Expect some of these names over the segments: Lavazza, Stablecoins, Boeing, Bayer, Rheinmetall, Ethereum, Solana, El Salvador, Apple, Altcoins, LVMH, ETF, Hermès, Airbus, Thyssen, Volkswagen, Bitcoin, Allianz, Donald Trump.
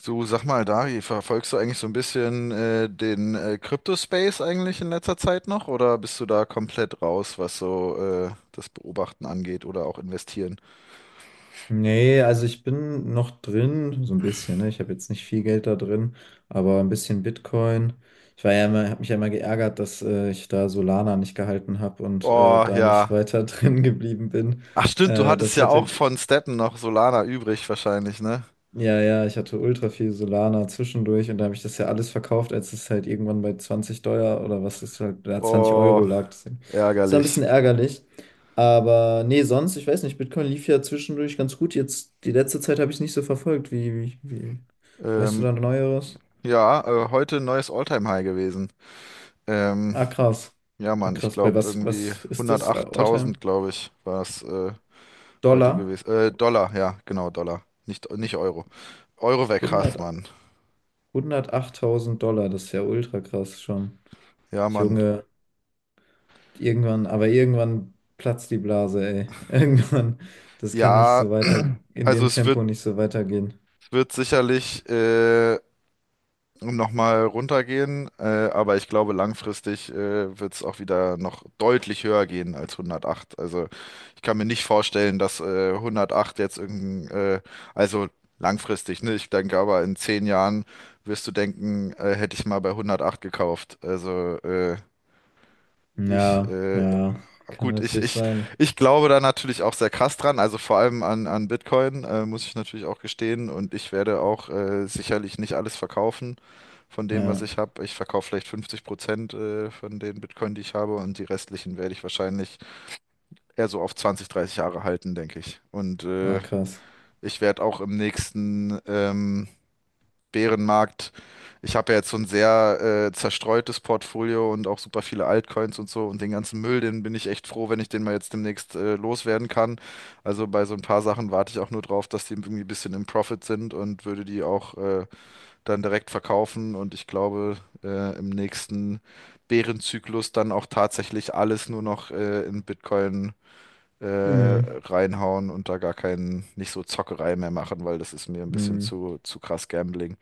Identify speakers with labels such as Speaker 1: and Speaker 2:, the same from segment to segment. Speaker 1: So, sag mal, Dari, verfolgst du eigentlich so ein bisschen den Crypto-Space eigentlich in letzter Zeit noch oder bist du da komplett raus, was so das Beobachten angeht oder auch investieren?
Speaker 2: Nee, also ich bin noch drin, so ein bisschen, ne? Ich habe jetzt nicht viel Geld da drin, aber ein bisschen Bitcoin. Ich war ja immer, habe mich ja immer geärgert, dass ich da Solana nicht gehalten habe und
Speaker 1: Oh,
Speaker 2: da nicht
Speaker 1: ja.
Speaker 2: weiter drin geblieben bin.
Speaker 1: Ach stimmt, du
Speaker 2: Äh,
Speaker 1: hattest
Speaker 2: das
Speaker 1: ja
Speaker 2: hätte
Speaker 1: auch von Steppen noch Solana übrig wahrscheinlich, ne?
Speaker 2: ja, ich hatte ultra viel Solana zwischendurch und da habe ich das ja alles verkauft, als es halt irgendwann bei 20 Dollar oder was ist halt, da 20
Speaker 1: Oh,
Speaker 2: Euro lag. Das war ein bisschen
Speaker 1: ärgerlich.
Speaker 2: ärgerlich. Aber nee, sonst, ich weiß nicht, Bitcoin lief ja zwischendurch ganz gut. Jetzt, die letzte Zeit habe ich es nicht so verfolgt. Weißt du
Speaker 1: Ähm,
Speaker 2: da Neueres?
Speaker 1: ja, heute ein neues All-Time-High gewesen. Ähm,
Speaker 2: Ah, krass.
Speaker 1: ja,
Speaker 2: Ah,
Speaker 1: Mann, ich
Speaker 2: krass. Bei
Speaker 1: glaube
Speaker 2: was,
Speaker 1: irgendwie
Speaker 2: was ist das? Alltime?
Speaker 1: 108.000, glaube ich, war es heute
Speaker 2: Dollar?
Speaker 1: gewesen. Dollar, ja, genau, Dollar. Nicht Euro. Euro weg hast,
Speaker 2: 100,
Speaker 1: Mann.
Speaker 2: 108.000 Dollar, das ist ja ultra krass schon.
Speaker 1: Ja, Mann.
Speaker 2: Junge. Irgendwann, aber irgendwann platzt die Blase, ey. Irgendwann, das kann nicht
Speaker 1: Ja,
Speaker 2: so weiter, in
Speaker 1: also
Speaker 2: dem
Speaker 1: es wird,
Speaker 2: Tempo nicht so weitergehen.
Speaker 1: wird sicherlich nochmal runtergehen, aber ich glaube, langfristig wird es auch wieder noch deutlich höher gehen als 108. Also ich kann mir nicht vorstellen, dass 108 jetzt irgendein, also langfristig, ne? Ich denke aber in 10 Jahren wirst du denken, hätte ich mal bei 108 gekauft. Also ich,
Speaker 2: Ja, ja, kann
Speaker 1: Gut, ich,
Speaker 2: natürlich
Speaker 1: ich,
Speaker 2: sein.
Speaker 1: ich glaube da natürlich auch sehr krass dran, also vor allem an Bitcoin, muss ich natürlich auch gestehen. Und ich werde auch sicherlich nicht alles verkaufen von dem, was
Speaker 2: Ja,
Speaker 1: ich habe. Ich verkaufe vielleicht 50% von den Bitcoin, die ich habe, und die restlichen werde ich wahrscheinlich eher so auf 20 30 Jahre halten, denke ich. Und
Speaker 2: ah, krass.
Speaker 1: ich werde auch im nächsten, Bärenmarkt. Ich habe ja jetzt so ein sehr zerstreutes Portfolio und auch super viele Altcoins und so und den ganzen Müll, den bin ich echt froh, wenn ich den mal jetzt demnächst loswerden kann. Also bei so ein paar Sachen warte ich auch nur drauf, dass die irgendwie ein bisschen im Profit sind und würde die auch dann direkt verkaufen und ich glaube im nächsten Bärenzyklus dann auch tatsächlich alles nur noch in Bitcoin
Speaker 2: Mm,
Speaker 1: reinhauen und da gar keinen, nicht so Zockerei mehr machen, weil das ist mir ein bisschen
Speaker 2: mm.
Speaker 1: zu krass Gambling.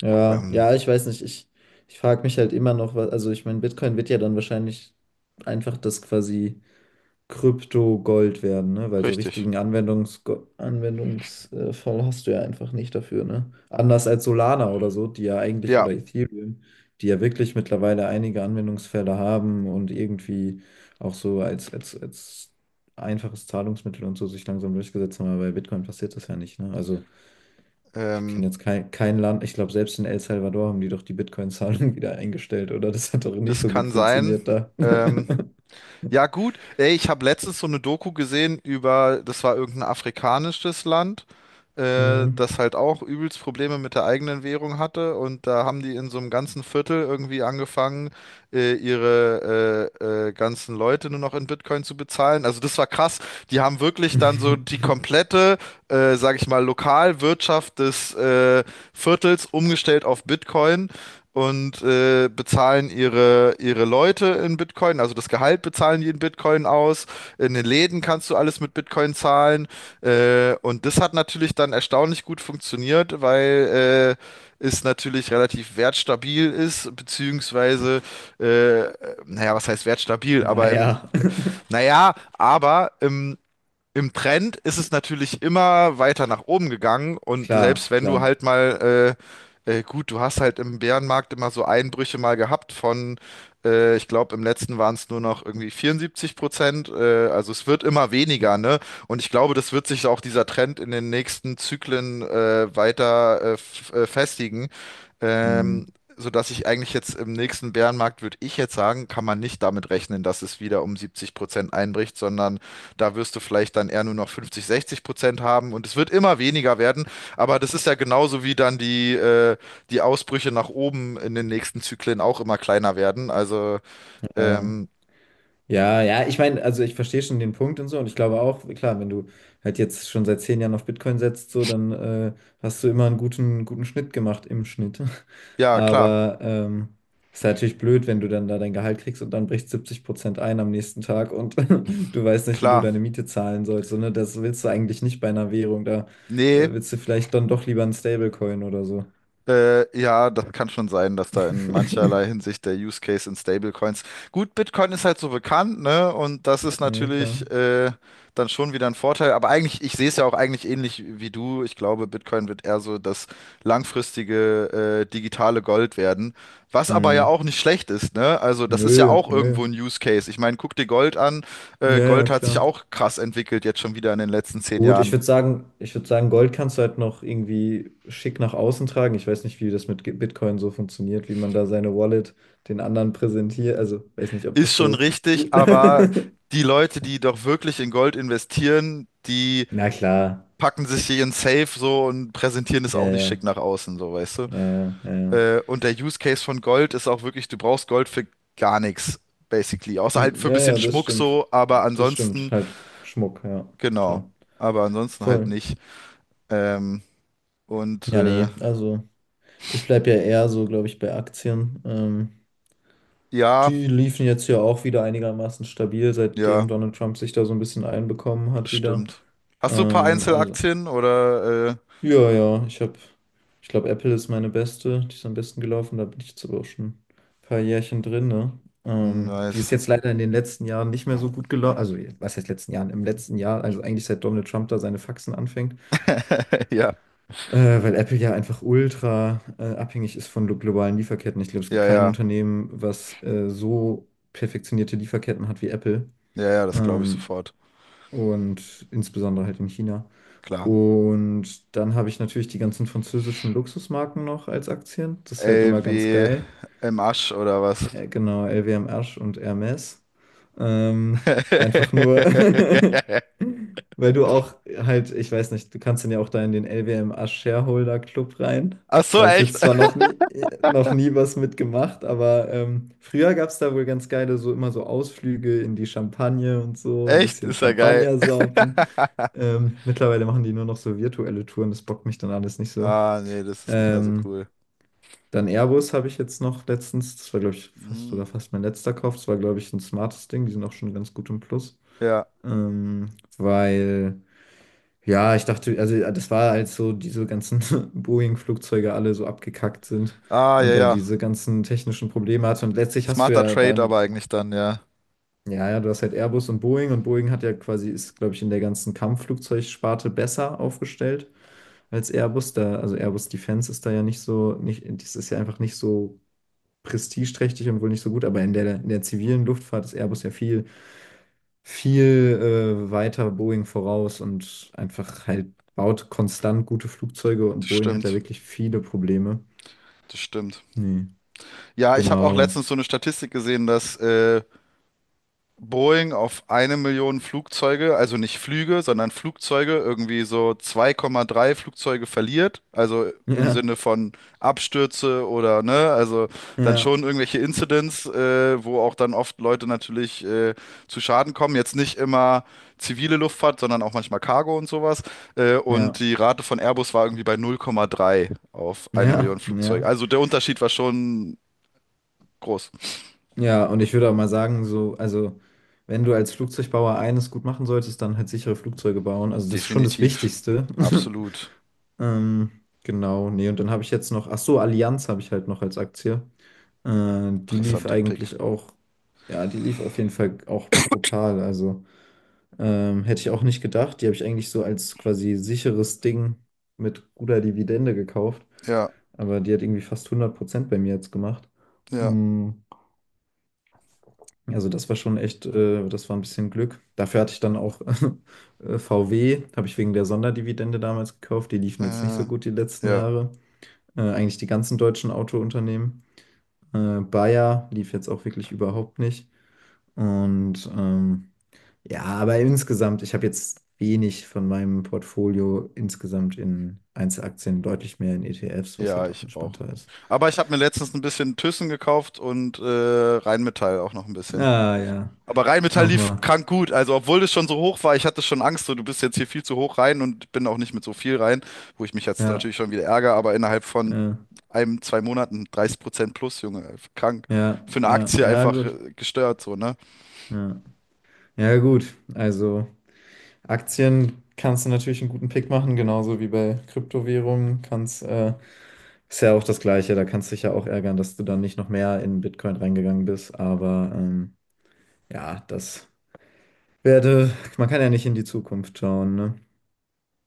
Speaker 2: Ja,
Speaker 1: Ähm,
Speaker 2: ja, ich weiß nicht. Ich frage mich halt immer noch, was, also ich meine, Bitcoin wird ja dann wahrscheinlich einfach das quasi. Krypto Gold werden, ne? Weil so
Speaker 1: Richtig.
Speaker 2: richtigen Anwendungsfall hast du ja einfach nicht dafür, ne? Anders als Solana oder so, die ja eigentlich,
Speaker 1: Ja,
Speaker 2: oder Ethereum, die ja wirklich mittlerweile einige Anwendungsfälle haben und irgendwie auch so als einfaches Zahlungsmittel und so sich langsam durchgesetzt haben, aber bei Bitcoin passiert das ja nicht, ne? Also ich
Speaker 1: ähm,
Speaker 2: kenne jetzt kein Land, ich glaube, selbst in El Salvador haben die doch die Bitcoin-Zahlung wieder eingestellt, oder? Das hat doch nicht
Speaker 1: das
Speaker 2: so gut
Speaker 1: kann sein.
Speaker 2: funktioniert da.
Speaker 1: Ähm, ja, gut. Ey, ich habe letztens so eine Doku gesehen über, das war irgendein afrikanisches Land,
Speaker 2: Mhm.
Speaker 1: das halt auch übelst Probleme mit der eigenen Währung hatte. Und da haben die in so einem ganzen Viertel irgendwie angefangen, ihre ganzen Leute nur noch in Bitcoin zu bezahlen. Also das war krass. Die haben wirklich dann so die komplette, sag ich mal, Lokalwirtschaft des Viertels umgestellt auf Bitcoin und bezahlen ihre Leute in Bitcoin, also das Gehalt bezahlen die in Bitcoin aus. In den Läden kannst du alles mit Bitcoin zahlen. Und das hat natürlich dann erstaunlich gut funktioniert, weil es natürlich relativ wertstabil ist, beziehungsweise, äh, naja, was heißt wertstabil?
Speaker 2: Naja,
Speaker 1: Naja, aber im Trend ist es natürlich immer weiter nach oben gegangen und
Speaker 2: klar,
Speaker 1: selbst wenn du
Speaker 2: klar.
Speaker 1: halt mal, gut, du hast halt im Bärenmarkt immer so Einbrüche mal gehabt von, ich glaube, im letzten waren es nur noch irgendwie 74%, also es wird immer
Speaker 2: Okay.
Speaker 1: weniger, ne? Und ich glaube, das wird sich auch dieser Trend in den nächsten Zyklen weiter festigen. Ähm,
Speaker 2: Mm,
Speaker 1: sodass ich eigentlich jetzt im nächsten Bärenmarkt, würde ich jetzt sagen, kann man nicht damit rechnen, dass es wieder um 70% einbricht, sondern da wirst du vielleicht dann eher nur noch 50, 60% haben und es wird immer weniger werden. Aber das ist ja genauso wie dann die, die Ausbrüche nach oben in den nächsten Zyklen auch immer kleiner werden. Also,
Speaker 2: ja,
Speaker 1: ähm,
Speaker 2: ja, ja, ich meine, also ich verstehe schon den Punkt und so und ich glaube auch, klar, wenn du halt jetzt schon seit 10 Jahren auf Bitcoin setzt, so, dann hast du immer einen guten, guten Schnitt gemacht im Schnitt.
Speaker 1: ja, klar,
Speaker 2: Aber ist natürlich blöd, wenn du dann da dein Gehalt kriegst und dann bricht 70% ein am nächsten Tag und du weißt nicht, wie du
Speaker 1: klar.
Speaker 2: deine Miete zahlen sollst. So, ne? Das willst du eigentlich nicht bei einer Währung. Da
Speaker 1: Nee,
Speaker 2: willst du vielleicht dann doch lieber einen Stablecoin oder so.
Speaker 1: Ja, das kann schon sein, dass da in mancherlei Hinsicht der Use Case in Stablecoins. Gut, Bitcoin ist halt so bekannt, ne? Und das ist
Speaker 2: Ja, klar.
Speaker 1: natürlich dann schon wieder ein Vorteil. Aber eigentlich, ich sehe es ja auch eigentlich ähnlich wie du. Ich glaube, Bitcoin wird eher so das langfristige digitale Gold werden. Was aber ja
Speaker 2: Hm,
Speaker 1: auch nicht schlecht ist, ne? Also, das ist ja
Speaker 2: nö,
Speaker 1: auch
Speaker 2: nö.
Speaker 1: irgendwo ein Use Case. Ich meine, guck dir Gold an.
Speaker 2: Ja, ja,
Speaker 1: Gold hat sich
Speaker 2: klar.
Speaker 1: auch krass entwickelt, jetzt schon wieder in den letzten zehn
Speaker 2: Gut,
Speaker 1: Jahren.
Speaker 2: ich würde sagen, Gold kannst du halt noch irgendwie schick nach außen tragen. Ich weiß nicht, wie das mit Bitcoin so funktioniert, wie man da seine Wallet den anderen präsentiert. Also, weiß nicht, ob
Speaker 1: Ist
Speaker 2: das
Speaker 1: schon
Speaker 2: so
Speaker 1: richtig,
Speaker 2: gut.
Speaker 1: aber die Leute, die doch wirklich in Gold investieren, die
Speaker 2: Na klar.
Speaker 1: packen sich hier in Safe so und präsentieren es auch
Speaker 2: Ja,
Speaker 1: nicht
Speaker 2: ja,
Speaker 1: schick nach außen, so weißt
Speaker 2: ja,
Speaker 1: du.
Speaker 2: ja, ja. Ja,
Speaker 1: Und der Use Case von Gold ist auch wirklich, du brauchst Gold für gar nichts, basically. Außer halt
Speaker 2: hm,
Speaker 1: für ein
Speaker 2: ja,
Speaker 1: bisschen
Speaker 2: ja, das
Speaker 1: Schmuck
Speaker 2: stimmt.
Speaker 1: so, aber
Speaker 2: Das stimmt.
Speaker 1: ansonsten,
Speaker 2: Halt Schmuck, ja,
Speaker 1: genau.
Speaker 2: klar.
Speaker 1: Aber ansonsten halt
Speaker 2: Voll.
Speaker 1: nicht. Ähm, und
Speaker 2: Ja,
Speaker 1: äh,
Speaker 2: nee, also ich bleibe ja eher so, glaube ich, bei Aktien.
Speaker 1: ja,
Speaker 2: Die liefen jetzt ja auch wieder einigermaßen stabil,
Speaker 1: ja,
Speaker 2: seitdem Donald Trump sich da so ein bisschen einbekommen
Speaker 1: das
Speaker 2: hat wieder.
Speaker 1: stimmt. Hast du ein paar
Speaker 2: Ähm, also,
Speaker 1: Einzelaktien oder
Speaker 2: ja, ich habe, ich glaube, Apple ist meine beste, die ist am besten gelaufen, da bin ich jetzt aber auch schon ein paar Jährchen drin, ne? Die ist
Speaker 1: nice.
Speaker 2: jetzt leider in den letzten Jahren nicht mehr so gut gelaufen, also was heißt letzten Jahren? Im letzten Jahr, also eigentlich seit Donald Trump da seine Faxen anfängt,
Speaker 1: Ja,
Speaker 2: weil Apple ja einfach ultra abhängig ist von globalen Lieferketten. Ich glaube, es gibt
Speaker 1: ja,
Speaker 2: kein
Speaker 1: ja.
Speaker 2: Unternehmen, was so perfektionierte Lieferketten hat wie Apple.
Speaker 1: Ja, ja, das glaube ich
Speaker 2: Ähm,
Speaker 1: sofort.
Speaker 2: und insbesondere halt in China.
Speaker 1: Klar.
Speaker 2: Und dann habe ich natürlich die ganzen französischen Luxusmarken noch als Aktien. Das ist halt
Speaker 1: L
Speaker 2: immer ganz
Speaker 1: wie
Speaker 2: geil.
Speaker 1: im Asch oder was?
Speaker 2: Genau, LWM Asch und Hermes. Ähm, einfach nur, weil du auch halt, ich weiß nicht, du kannst dann ja auch da in den LWM Asch Shareholder Club rein.
Speaker 1: Ach so,
Speaker 2: Da habe ich
Speaker 1: echt?
Speaker 2: jetzt zwar noch nie was mitgemacht, aber früher gab es da wohl ganz geile, so immer so Ausflüge in die Champagne und so, ein
Speaker 1: Echt?
Speaker 2: bisschen
Speaker 1: Ist ja geil.
Speaker 2: Champagner saufen. Mittlerweile machen die nur noch so virtuelle Touren, das bockt mich dann alles nicht so.
Speaker 1: Ah, nee, das ist nicht mehr so
Speaker 2: Ähm,
Speaker 1: cool.
Speaker 2: dann Airbus habe ich jetzt noch letztens, das war glaube ich
Speaker 1: Hm,
Speaker 2: fast mein letzter Kauf, das war glaube ich ein smartes Ding, die sind auch schon ganz gut im Plus.
Speaker 1: ja.
Speaker 2: Ähm, weil, ja, ich dachte, also ja, das war halt so, diese ganzen Boeing-Flugzeuge alle so abgekackt sind
Speaker 1: Ah, ja,
Speaker 2: und dann
Speaker 1: ja.
Speaker 2: diese ganzen technischen Probleme hatte. Und letztlich hast du
Speaker 1: Smarter
Speaker 2: ja
Speaker 1: Trade aber
Speaker 2: dann,
Speaker 1: eigentlich dann, ja.
Speaker 2: ja, ja, du hast halt Airbus und Boeing hat ja quasi, ist glaube ich in der ganzen Kampfflugzeugsparte besser aufgestellt als Airbus. Da, also Airbus Defense ist da ja nicht so, nicht, das ist ja einfach nicht so prestigeträchtig und wohl nicht so gut, aber in der zivilen Luftfahrt ist Airbus ja viel weiter Boeing voraus und einfach halt baut konstant gute Flugzeuge und
Speaker 1: Das
Speaker 2: Boeing hat ja
Speaker 1: stimmt.
Speaker 2: wirklich viele Probleme.
Speaker 1: Das stimmt.
Speaker 2: Nee,
Speaker 1: Ja, ich habe auch
Speaker 2: genau.
Speaker 1: letztens so eine Statistik gesehen, dass Boeing auf 1 Million Flugzeuge, also nicht Flüge, sondern Flugzeuge, irgendwie so 2,3 Flugzeuge verliert, also im
Speaker 2: Ja,
Speaker 1: Sinne von Abstürze oder ne, also dann
Speaker 2: ja,
Speaker 1: schon irgendwelche Incidents, wo auch dann oft Leute natürlich zu Schaden kommen. Jetzt nicht immer zivile Luftfahrt, sondern auch manchmal Cargo und sowas. Und
Speaker 2: ja,
Speaker 1: die Rate von Airbus war irgendwie bei 0,3 auf eine Million
Speaker 2: ja,
Speaker 1: Flugzeuge.
Speaker 2: ja.
Speaker 1: Also der Unterschied war schon groß.
Speaker 2: Ja, und ich würde auch mal sagen, so, also wenn du als Flugzeugbauer eines gut machen solltest, dann halt sichere Flugzeuge bauen. Also das ist schon das
Speaker 1: Definitiv.
Speaker 2: Wichtigste.
Speaker 1: Absolut
Speaker 2: Ähm, genau, nee, und dann habe ich jetzt noch, ach so, Allianz habe ich halt noch als Aktie. Die lief
Speaker 1: interessanter Pick.
Speaker 2: eigentlich auch, ja, die lief auf jeden Fall auch brutal. Also hätte ich auch nicht gedacht. Die habe ich eigentlich so als quasi sicheres Ding mit guter Dividende gekauft.
Speaker 1: Ja,
Speaker 2: Aber die hat irgendwie fast 100% bei mir jetzt gemacht.
Speaker 1: ja,
Speaker 2: Mm, also das war schon echt, das war ein bisschen Glück. Dafür hatte ich dann auch VW, habe ich wegen der Sonderdividende damals gekauft. Die liefen jetzt nicht
Speaker 1: äh,
Speaker 2: so gut die letzten
Speaker 1: ja,
Speaker 2: Jahre. Eigentlich die ganzen deutschen Autounternehmen. Bayer lief jetzt auch wirklich überhaupt nicht. Und ja, aber insgesamt, ich habe jetzt wenig von meinem Portfolio insgesamt in Einzelaktien, deutlich mehr in ETFs, was
Speaker 1: ja,
Speaker 2: halt auch
Speaker 1: ich auch.
Speaker 2: entspannter ist.
Speaker 1: Aber ich habe mir letztens ein bisschen Thyssen gekauft und Rheinmetall auch noch ein bisschen.
Speaker 2: Ah ja,
Speaker 1: Aber Rheinmetall lief
Speaker 2: nochmal.
Speaker 1: krank gut. Also, obwohl das schon so hoch war, ich hatte schon Angst, so du bist jetzt hier viel zu hoch rein und bin auch nicht mit so viel rein, wo ich mich jetzt
Speaker 2: Ja,
Speaker 1: natürlich schon wieder ärgere, aber innerhalb von
Speaker 2: ja,
Speaker 1: einem, 2 Monaten 30% plus, Junge, krank.
Speaker 2: ja,
Speaker 1: Für eine
Speaker 2: ja,
Speaker 1: Aktie
Speaker 2: ja,
Speaker 1: einfach
Speaker 2: gut.
Speaker 1: gestört, so, ne?
Speaker 2: Ja, ja, gut. Also Aktien kannst du natürlich einen guten Pick machen, genauso wie bei Kryptowährungen kannst, ist ja auch das Gleiche. Da kannst du dich ja auch ärgern, dass du dann nicht noch mehr in Bitcoin reingegangen bist, aber ja, werde, man kann ja nicht in die Zukunft schauen, ne?